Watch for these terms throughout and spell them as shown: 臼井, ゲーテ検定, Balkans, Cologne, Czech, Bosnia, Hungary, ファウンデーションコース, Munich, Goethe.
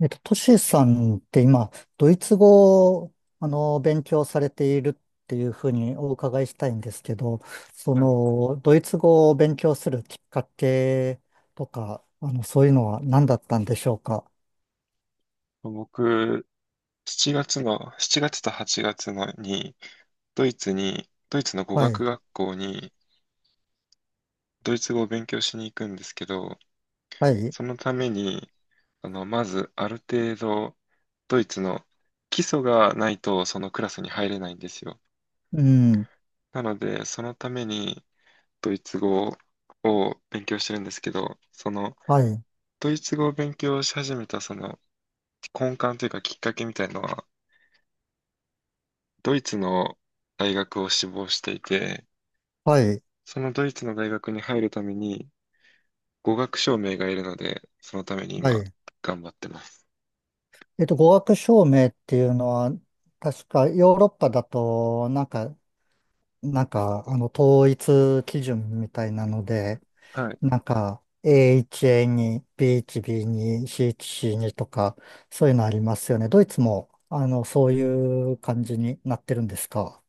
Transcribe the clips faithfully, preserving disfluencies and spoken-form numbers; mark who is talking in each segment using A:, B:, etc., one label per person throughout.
A: えっと、トシさんって今、ドイツ語を、あの、勉強されているっていうふうにお伺いしたいんですけど、そ
B: はい。
A: の、ドイツ語を勉強するきっかけとか、あの、そういうのは何だったんでしょうか？
B: 僕、7月の、しちがつとはちがつのに、ドイツに、ドイツの語
A: は
B: 学
A: い、
B: 学校に、ドイツ語を勉強しに行くんですけど、
A: はい、
B: そのために、あの、まず、ある程度、ドイツの基礎がないと、そのクラスに入れないんですよ。
A: うん、
B: なので、そのために、ドイツ語を勉強してるんですけど、その、
A: はい、
B: ドイツ語を勉強し始めた、その、根幹というか、きっかけみたいのは、ドイツの大学を志望していて、
A: はい、
B: そのドイツの大学に入るために語学証明がいるので、そのために
A: は
B: 今
A: い。
B: 頑張ってます。
A: えっと、語学証明っていうのは、確かヨーロッパだと、なんか、なんか、あの、統一基準みたいなので、
B: はい。
A: なんか、エーワン、エーツー、ビーワン、ビーツー、シーワン、シーツー とか、そういうのありますよね。ドイツも、あの、そういう感じになってるんですか？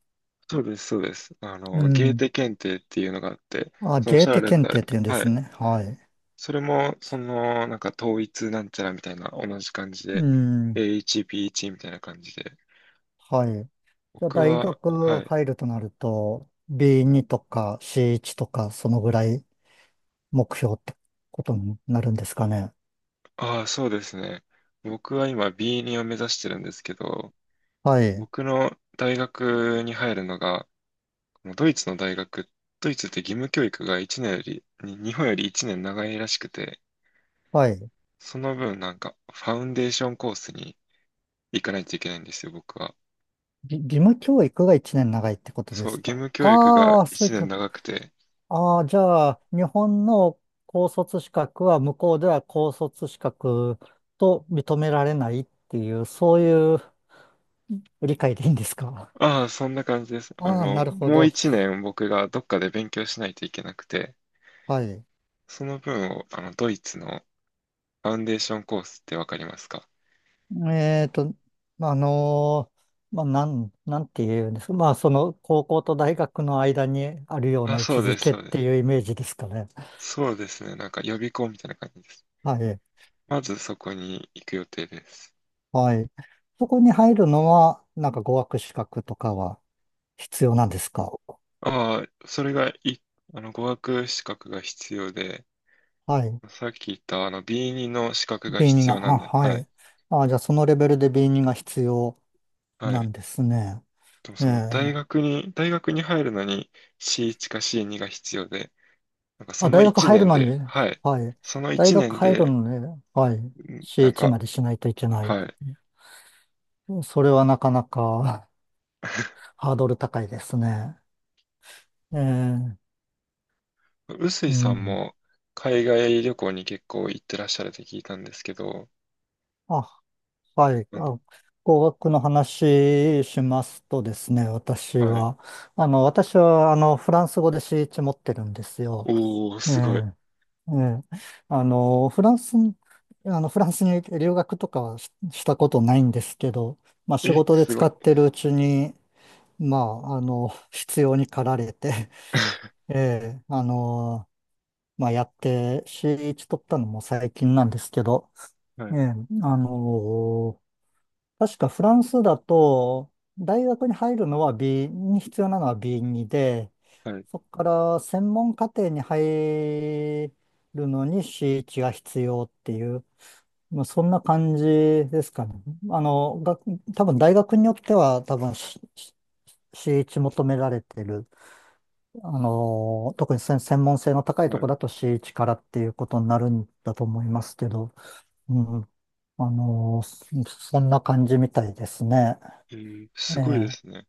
B: そうです、そうです。あ
A: う
B: の、ゲー
A: ん。
B: テ検定っていうのがあって、
A: あ、
B: そのおっ
A: ゲ
B: し
A: ー
B: ゃら
A: テ
B: れた、
A: 検定っていうんで
B: は
A: す
B: い。
A: ね。はい。
B: それも、その、なんか統一なんちゃらみたいな同じ感じ
A: う
B: で、
A: ん。
B: エーワン、ビーワン みたいな感じで。
A: はい。じゃあ、
B: 僕
A: 大
B: は、は
A: 学
B: い。
A: 入るとなると、ビーツー とか シーワン とか、そのぐらい目標ってことになるんですかね。
B: ああ、そうですね。僕は今 ビーツー を目指してるんですけど、
A: はい。
B: 僕の大学に入るのが、もうドイツの大学、ドイツって義務教育が1年より、に日本よりいちねん長いらしくて、
A: はい。
B: その分なんかファウンデーションコースに行かないといけないんですよ、僕は。
A: ぎ義務教育がいちねん長いってことで
B: そう、
A: す
B: 義
A: か？
B: 務教育が
A: ああー、そう
B: 1
A: いう
B: 年
A: こ。
B: 長くて、
A: ああ、じゃあ、日本の高卒資格は向こうでは高卒資格と認められないっていう、そういう理解でいいんですか？
B: ああ、そんな感じです。あ
A: ああ、
B: の、
A: なるほ
B: もう
A: ど。
B: いちねん僕がどっかで勉強しないといけなくて、
A: はい。
B: その分をあのドイツのファウンデーションコースってわかりますか？
A: えっと、まああのーまあ、なん、なんて言うんですか。まあ、その、高校と大学の間にあるよう
B: あ、
A: な位
B: そ
A: 置
B: う
A: づ
B: です、
A: けっ
B: そうで
A: て
B: す。
A: いうイメージですかね。
B: そうですね、なんか予備校みたいな感じです。
A: はい。
B: まずそこに行く予定です。
A: はい。そこに入るのは、なんか語学資格とかは必要なんですか？
B: ああ、それがい、あの、語学資格が必要で、
A: はい。
B: さっき言ったあの ビーツー の資格が
A: ビーツー
B: 必
A: が、
B: 要なん
A: あ、
B: で、は
A: は
B: い。
A: い。あ、じゃあそのレベルで ビーツー が必要
B: は
A: な
B: い。
A: んですね。
B: でも
A: え
B: その大
A: え。
B: 学に、大学に入るのに シーワン か シーツー が必要で、なんかそ
A: あ、
B: の
A: 大学
B: 1
A: 入る
B: 年
A: の
B: で、
A: に、
B: はい。
A: はい。
B: その
A: 大
B: 1
A: 学
B: 年
A: 入る
B: で、
A: のに、はい。
B: んなん
A: シーワン
B: か、
A: までしないといけない。
B: はい。
A: それはなかなか ハードル高いですね。ええ、
B: 臼井
A: う
B: さん
A: ん。
B: も海外旅行に結構行ってらっしゃるって聞いたんですけど、
A: あ、はい。
B: あの
A: あ、語学の話しますとですね、私
B: はい。
A: は。あの、私は、あの、フランス語で シーワン 持ってるんですよ。
B: おー、
A: ええ
B: すごい。
A: ええ、あの、フランスに、あの、フランスに留学とかはし、したことないんですけど、まあ仕
B: え、
A: 事で
B: すご
A: 使
B: い。
A: ってるうちに、まあ、あの、必要に駆られて、ええ、あの、まあやって、シーワン 取ったのも最近なんですけど、
B: は
A: え
B: い、
A: え、あの、確かフランスだと、大学に入るのは B に必要なのは ビーツー で、
B: はい、
A: そこから専門課程に入るのに シーワン が必要っていう、まあ、そんな感じですかね。あの、が、多分大学によっては多分 C- シーワン 求められてる。あの、特に専専門性の高い
B: は
A: とこ
B: い。
A: ろだと シーワン からっていうことになるんだと思いますけど、うん。あの、そそんな感じみたいですね。
B: えー、
A: え
B: すごいで
A: え、
B: すね。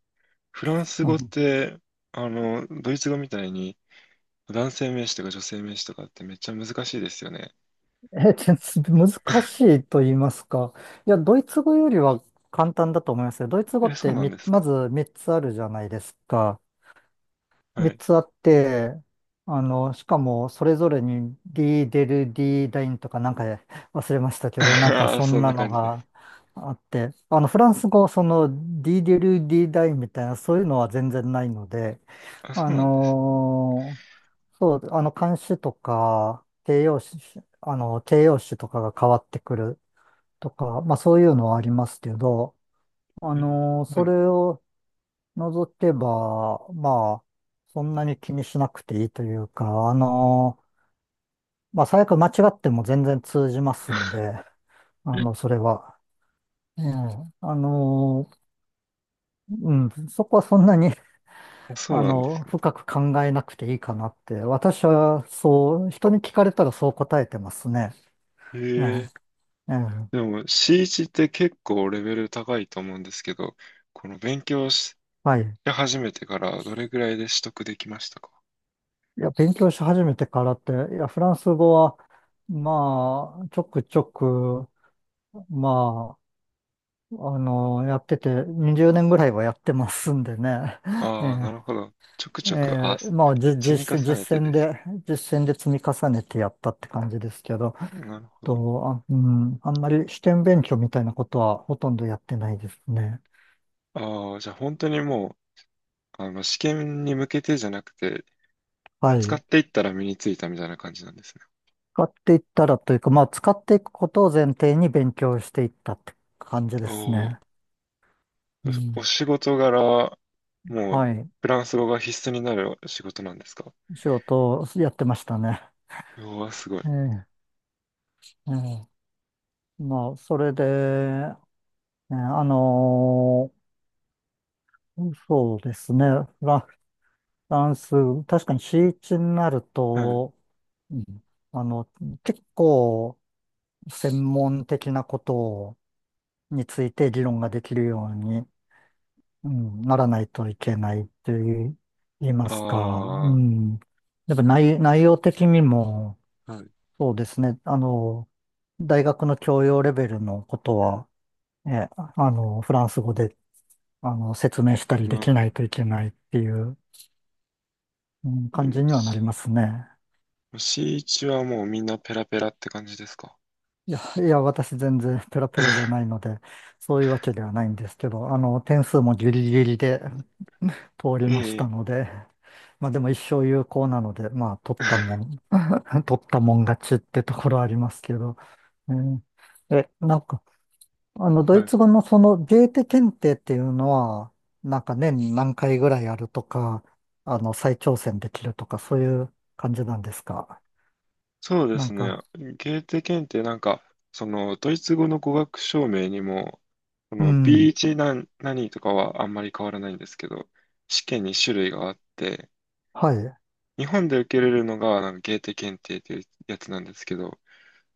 B: フランス
A: う
B: 語っ
A: ん、
B: て、あの、ドイツ語みたいに男性名詞とか女性名詞とかってめっちゃ難しいですよね。
A: ええ、全然難しいと言いますか。いや、ドイツ語よりは簡単だと思いますよ。ドイツ語
B: え、
A: っ
B: そう
A: て
B: なん
A: み、
B: です
A: ま
B: か？
A: ずみっつあるじゃないですか。
B: は
A: 3
B: い。
A: つあって、あの、しかもそれぞれに D デル ディー ダインとかなんか忘れました けど、なんか
B: あ、
A: そ
B: そ
A: ん
B: ん
A: な
B: な
A: の
B: 感じで
A: が
B: す。
A: あって、あの、フランス語、その D デル D ダインみたいなそういうのは全然ないので、
B: あ、そ
A: あ
B: うなんです。
A: のーそう、あの、冠詞とか、形容詞、あの、形容詞とかが変わってくるとか、まあそういうのはありますけど、あ
B: うん。
A: のー
B: は
A: そ
B: い。
A: れを除けば、まあ、そんなに気にしなくていいというか、あの、まあ、最悪間違っても全然通じますん
B: あ。
A: で、あの、それは。ええ、あの、うん、そこはそんなに、
B: そ
A: あ
B: うなんで
A: の、
B: す
A: 深く考えなくていいかなって、私はそう、人に聞かれたらそう答えてますね。
B: ね。へ
A: え
B: え。
A: え、ええ、
B: でも シーワン って結構レベル高いと思うんですけど、この勉強し
A: はい。
B: 始めてからどれぐらいで取得できましたか？
A: いや、勉強し始めてからって、いや、フランス語は、まあ、ちょくちょく、まあ、あの、やってて、にじゅうねんぐらいはやってますんでね。
B: ああ、な
A: え
B: るほど。ちょく
A: え、
B: ちょく、あ、
A: ええ、まあ、じ、
B: 積み
A: 実、
B: 重ね
A: 実
B: て
A: 践
B: です。
A: で、実践で積み重ねてやったって感じですけど、
B: なるほど。
A: と、あ、うん、あんまり試験勉強みたいなことはほとんどやってないですね。
B: ああ、じゃあ本当にもうあの、試験に向けてじゃなくて、
A: は
B: 使っ
A: い。
B: ていったら身についたみたいな感じなんですね。
A: 使っていったらというか、まあ、使っていくことを前提に勉強していったって感じで
B: お
A: す
B: ー。
A: ね。う
B: お
A: ん、
B: 仕事柄、もう、
A: はい。
B: フランス語が必須になる仕事なんですか？
A: 仕事をやってましたね。
B: うわ、すごい。
A: ええ、ええ、まあ、それで、ね、あのーそうですね。フラ、フランス、確かにシーチになる
B: はい。
A: と、うん、あの、結構専門的なことをについて議論ができるように、うん、ならないといけないという言いますか、う
B: ああ、
A: ん。やっぱ内、内容的にも、
B: はい。
A: そうですね。あの、大学の教養レベルのことは、え、あの、フランス語で、あの、説明したりで
B: なる
A: き
B: ほ
A: な
B: ど。
A: いといけないっていう、うん、
B: で
A: 感
B: も、
A: じにはなりますね。
B: シーワン はもうみんなペラペラって感じですか？
A: いや、いや、私全然ペラペラじゃない ので、そういうわけではないんですけど、あの、点数もギリギリで通り
B: え
A: ました
B: え。
A: ので、まあでも一生有効なので、まあ取ったもん、取ったもん勝ちってところはありますけど、うん、え、なんか、あの、ド
B: は
A: イ
B: い。
A: ツ語のそのゲーテ検定っていうのは、なんか年に何回ぐらいあるとか、あの、再挑戦できるとか、そういう感じなんですか。
B: そうで
A: なん
B: すね。
A: か、
B: ゲーテ検定なんか、そのドイツ語の語学証明にも、こ
A: う
B: の
A: ん。
B: ビーワン 何、何とかはあんまり変わらないんですけど、試験に種類があって、
A: はい。
B: 日本で受けれるのがなんかゲーテ検定っていうやつなんですけど、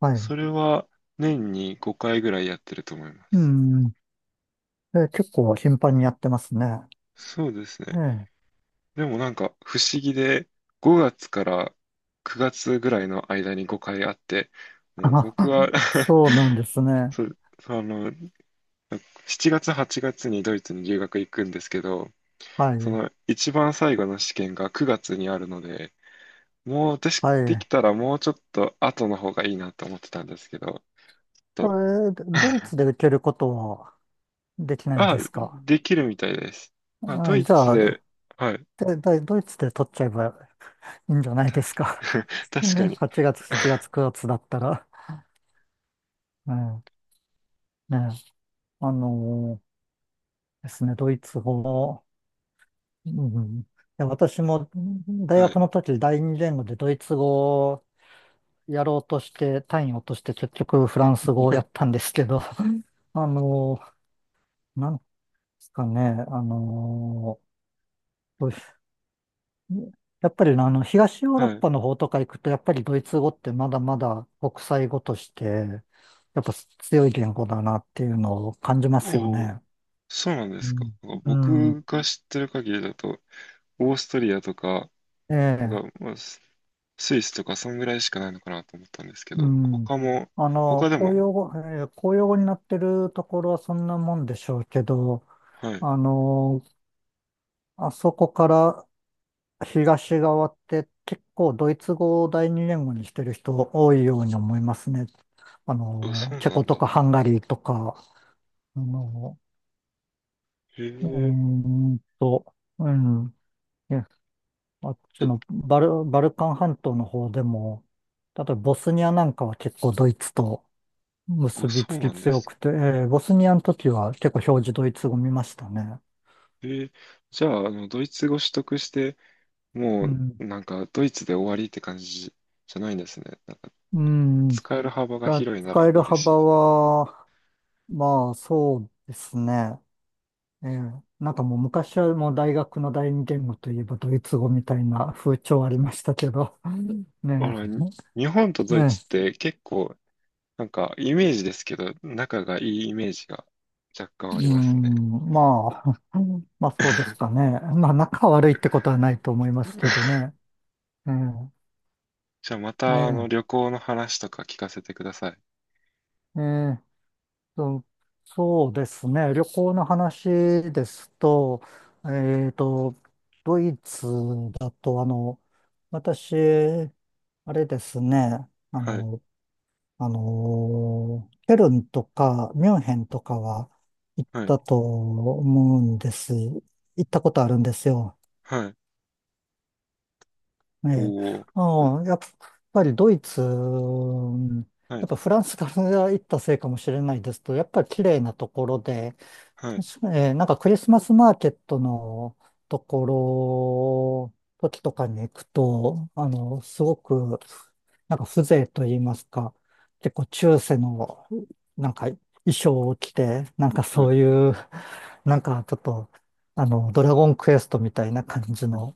A: はい。
B: それは年にごかいぐらいやってると思いま
A: う
B: す。
A: ん。え、結構頻繁にやってますね。
B: そうです
A: え
B: ね。
A: え。
B: でもなんか不思議で、ごがつからくがつぐらいの間にごかいあって、もう
A: あ、
B: 僕は
A: そうなんです ね。
B: そう、あの、しちがつ、はちがつにドイツに留学行くんですけど、
A: は
B: そ
A: い。
B: の一番最後の試験がくがつにあるので、もう私、
A: は
B: で
A: い。
B: きたらもうちょっと後の方がいいなと思ってたんですけど、
A: そ
B: と、
A: れ、ドイツで受けることはできないん
B: あ、
A: ですか？
B: できるみたいです。まあ、
A: は
B: ド
A: い。
B: イ
A: じ
B: ツ
A: ゃ
B: で、
A: あ、
B: はい。
A: で、だドイツで取っちゃえばいいんじゃないで
B: た
A: すか。
B: 確か
A: ね、
B: に。
A: はちがつ、しちがつ、くがつだったら。うん。ね。あのーですね、ドイツ語も、うん。いや、私も大
B: はい。
A: 学の時第二言語でドイツ語をやろうとして、単位を落として結局フランス語をやったんですけど、あの、なんですかね、あの、どうしやっぱりあの、東ヨーロッ
B: はい。
A: パの方とか行くと、やっぱりドイツ語ってまだまだ国際語として、やっぱ強い言語だなっていうのを感じますよ
B: おお、
A: ね。
B: そうなんで
A: う
B: すか。
A: ん。う
B: 僕
A: ん。
B: が知ってる限りだと、オーストリアとか、
A: ええ。
B: が、まあスイスとかそんぐらいしかないのかなと思ったんですけ
A: う
B: ど、
A: ん。
B: 他も、
A: あの、
B: 他で
A: 公
B: も、
A: 用語、えー公用語になってるところはそんなもんでしょうけど、
B: はい。
A: あの、あそこから東側って結構ドイツ語を第二言語にしてる人多いように思いますね。あ
B: あ、
A: の、
B: そう
A: チェ
B: な
A: コ
B: ん
A: と
B: だ。
A: かハンガリーとか、あの、
B: へ
A: うー
B: え。
A: んと、うん、いや、あっち
B: え、
A: のバル、バルカン半島の方でも、例えばボスニアなんかは結構ドイツと結
B: あ、そ
A: びつ
B: うな
A: き
B: んで
A: 強
B: す。
A: くて、えーボスニアの時は結構表示ドイツ語見ましたね。
B: へえー。じゃあ、あの、ドイツ語取得して、も
A: うん。
B: う、なんか、ドイツで終わりって感じじゃないんですね。なんか、
A: うん。
B: 使える幅が
A: だ
B: 広いな
A: 使
B: ら
A: える
B: 嬉しい
A: 幅
B: です。
A: は、まあそうですね。ええ、なんかもう昔はもう大学の第二言語といえばドイツ語みたいな風潮ありましたけど、
B: あ
A: ね
B: ら、に日本と
A: え、
B: ドイ
A: ね
B: ツって結構、なんか、イメージですけど、仲がいいイメージが若干あ
A: え、
B: り
A: う
B: ますね。
A: ん、まあ、まあそうですかね。まあ仲悪いってことはないと思いますけどね。ええ、
B: じゃあ、また、あの、
A: え
B: 旅行の話とか聞かせてください。
A: え、ええ、そう、そうですね。旅行の話ですと、えっと、ドイツだとあの、私、あれですね、あ
B: はい、
A: の、あのーケルンとかミュンヘンとかは行っ
B: はい、
A: たと思うんです。行ったことあるんですよ。
B: はい、
A: え
B: お
A: え。
B: お、
A: うん、やっぱりドイツ、うん、
B: は
A: や
B: い、
A: っぱフランスから行ったせいかもしれないですとやっぱり綺麗なところで、
B: はい、
A: 確かに、えーなんかクリスマスマーケットのところ、時とかに行くと、あの、すごく、なんか風情と言いますか、結構中世の、なんか衣装を着て、なんか
B: は
A: そ
B: い。
A: ういう、なんかちょっと、あの、ドラゴンクエストみたいな感じ
B: うん。
A: の、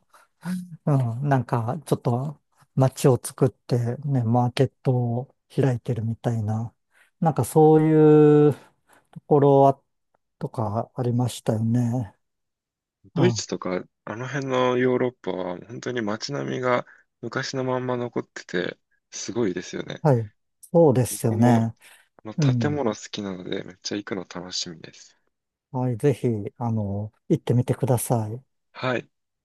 A: うん、なんか、ちょっと街を作ってね、マーケットを開いてるみたいな、なんかそういうところは、とかありましたよね。う
B: ドイ
A: ん、
B: ツとか、あの辺のヨーロッパは、本当に街並みが昔のまんま残ってて、すごいですよね。
A: はい。そうです
B: 僕
A: よ
B: も、あ
A: ね。
B: の、
A: う
B: 建
A: ん。
B: 物好きなので、めっちゃ行くの楽しみです。
A: はい、ぜひ、あの、行ってみてください。
B: はい。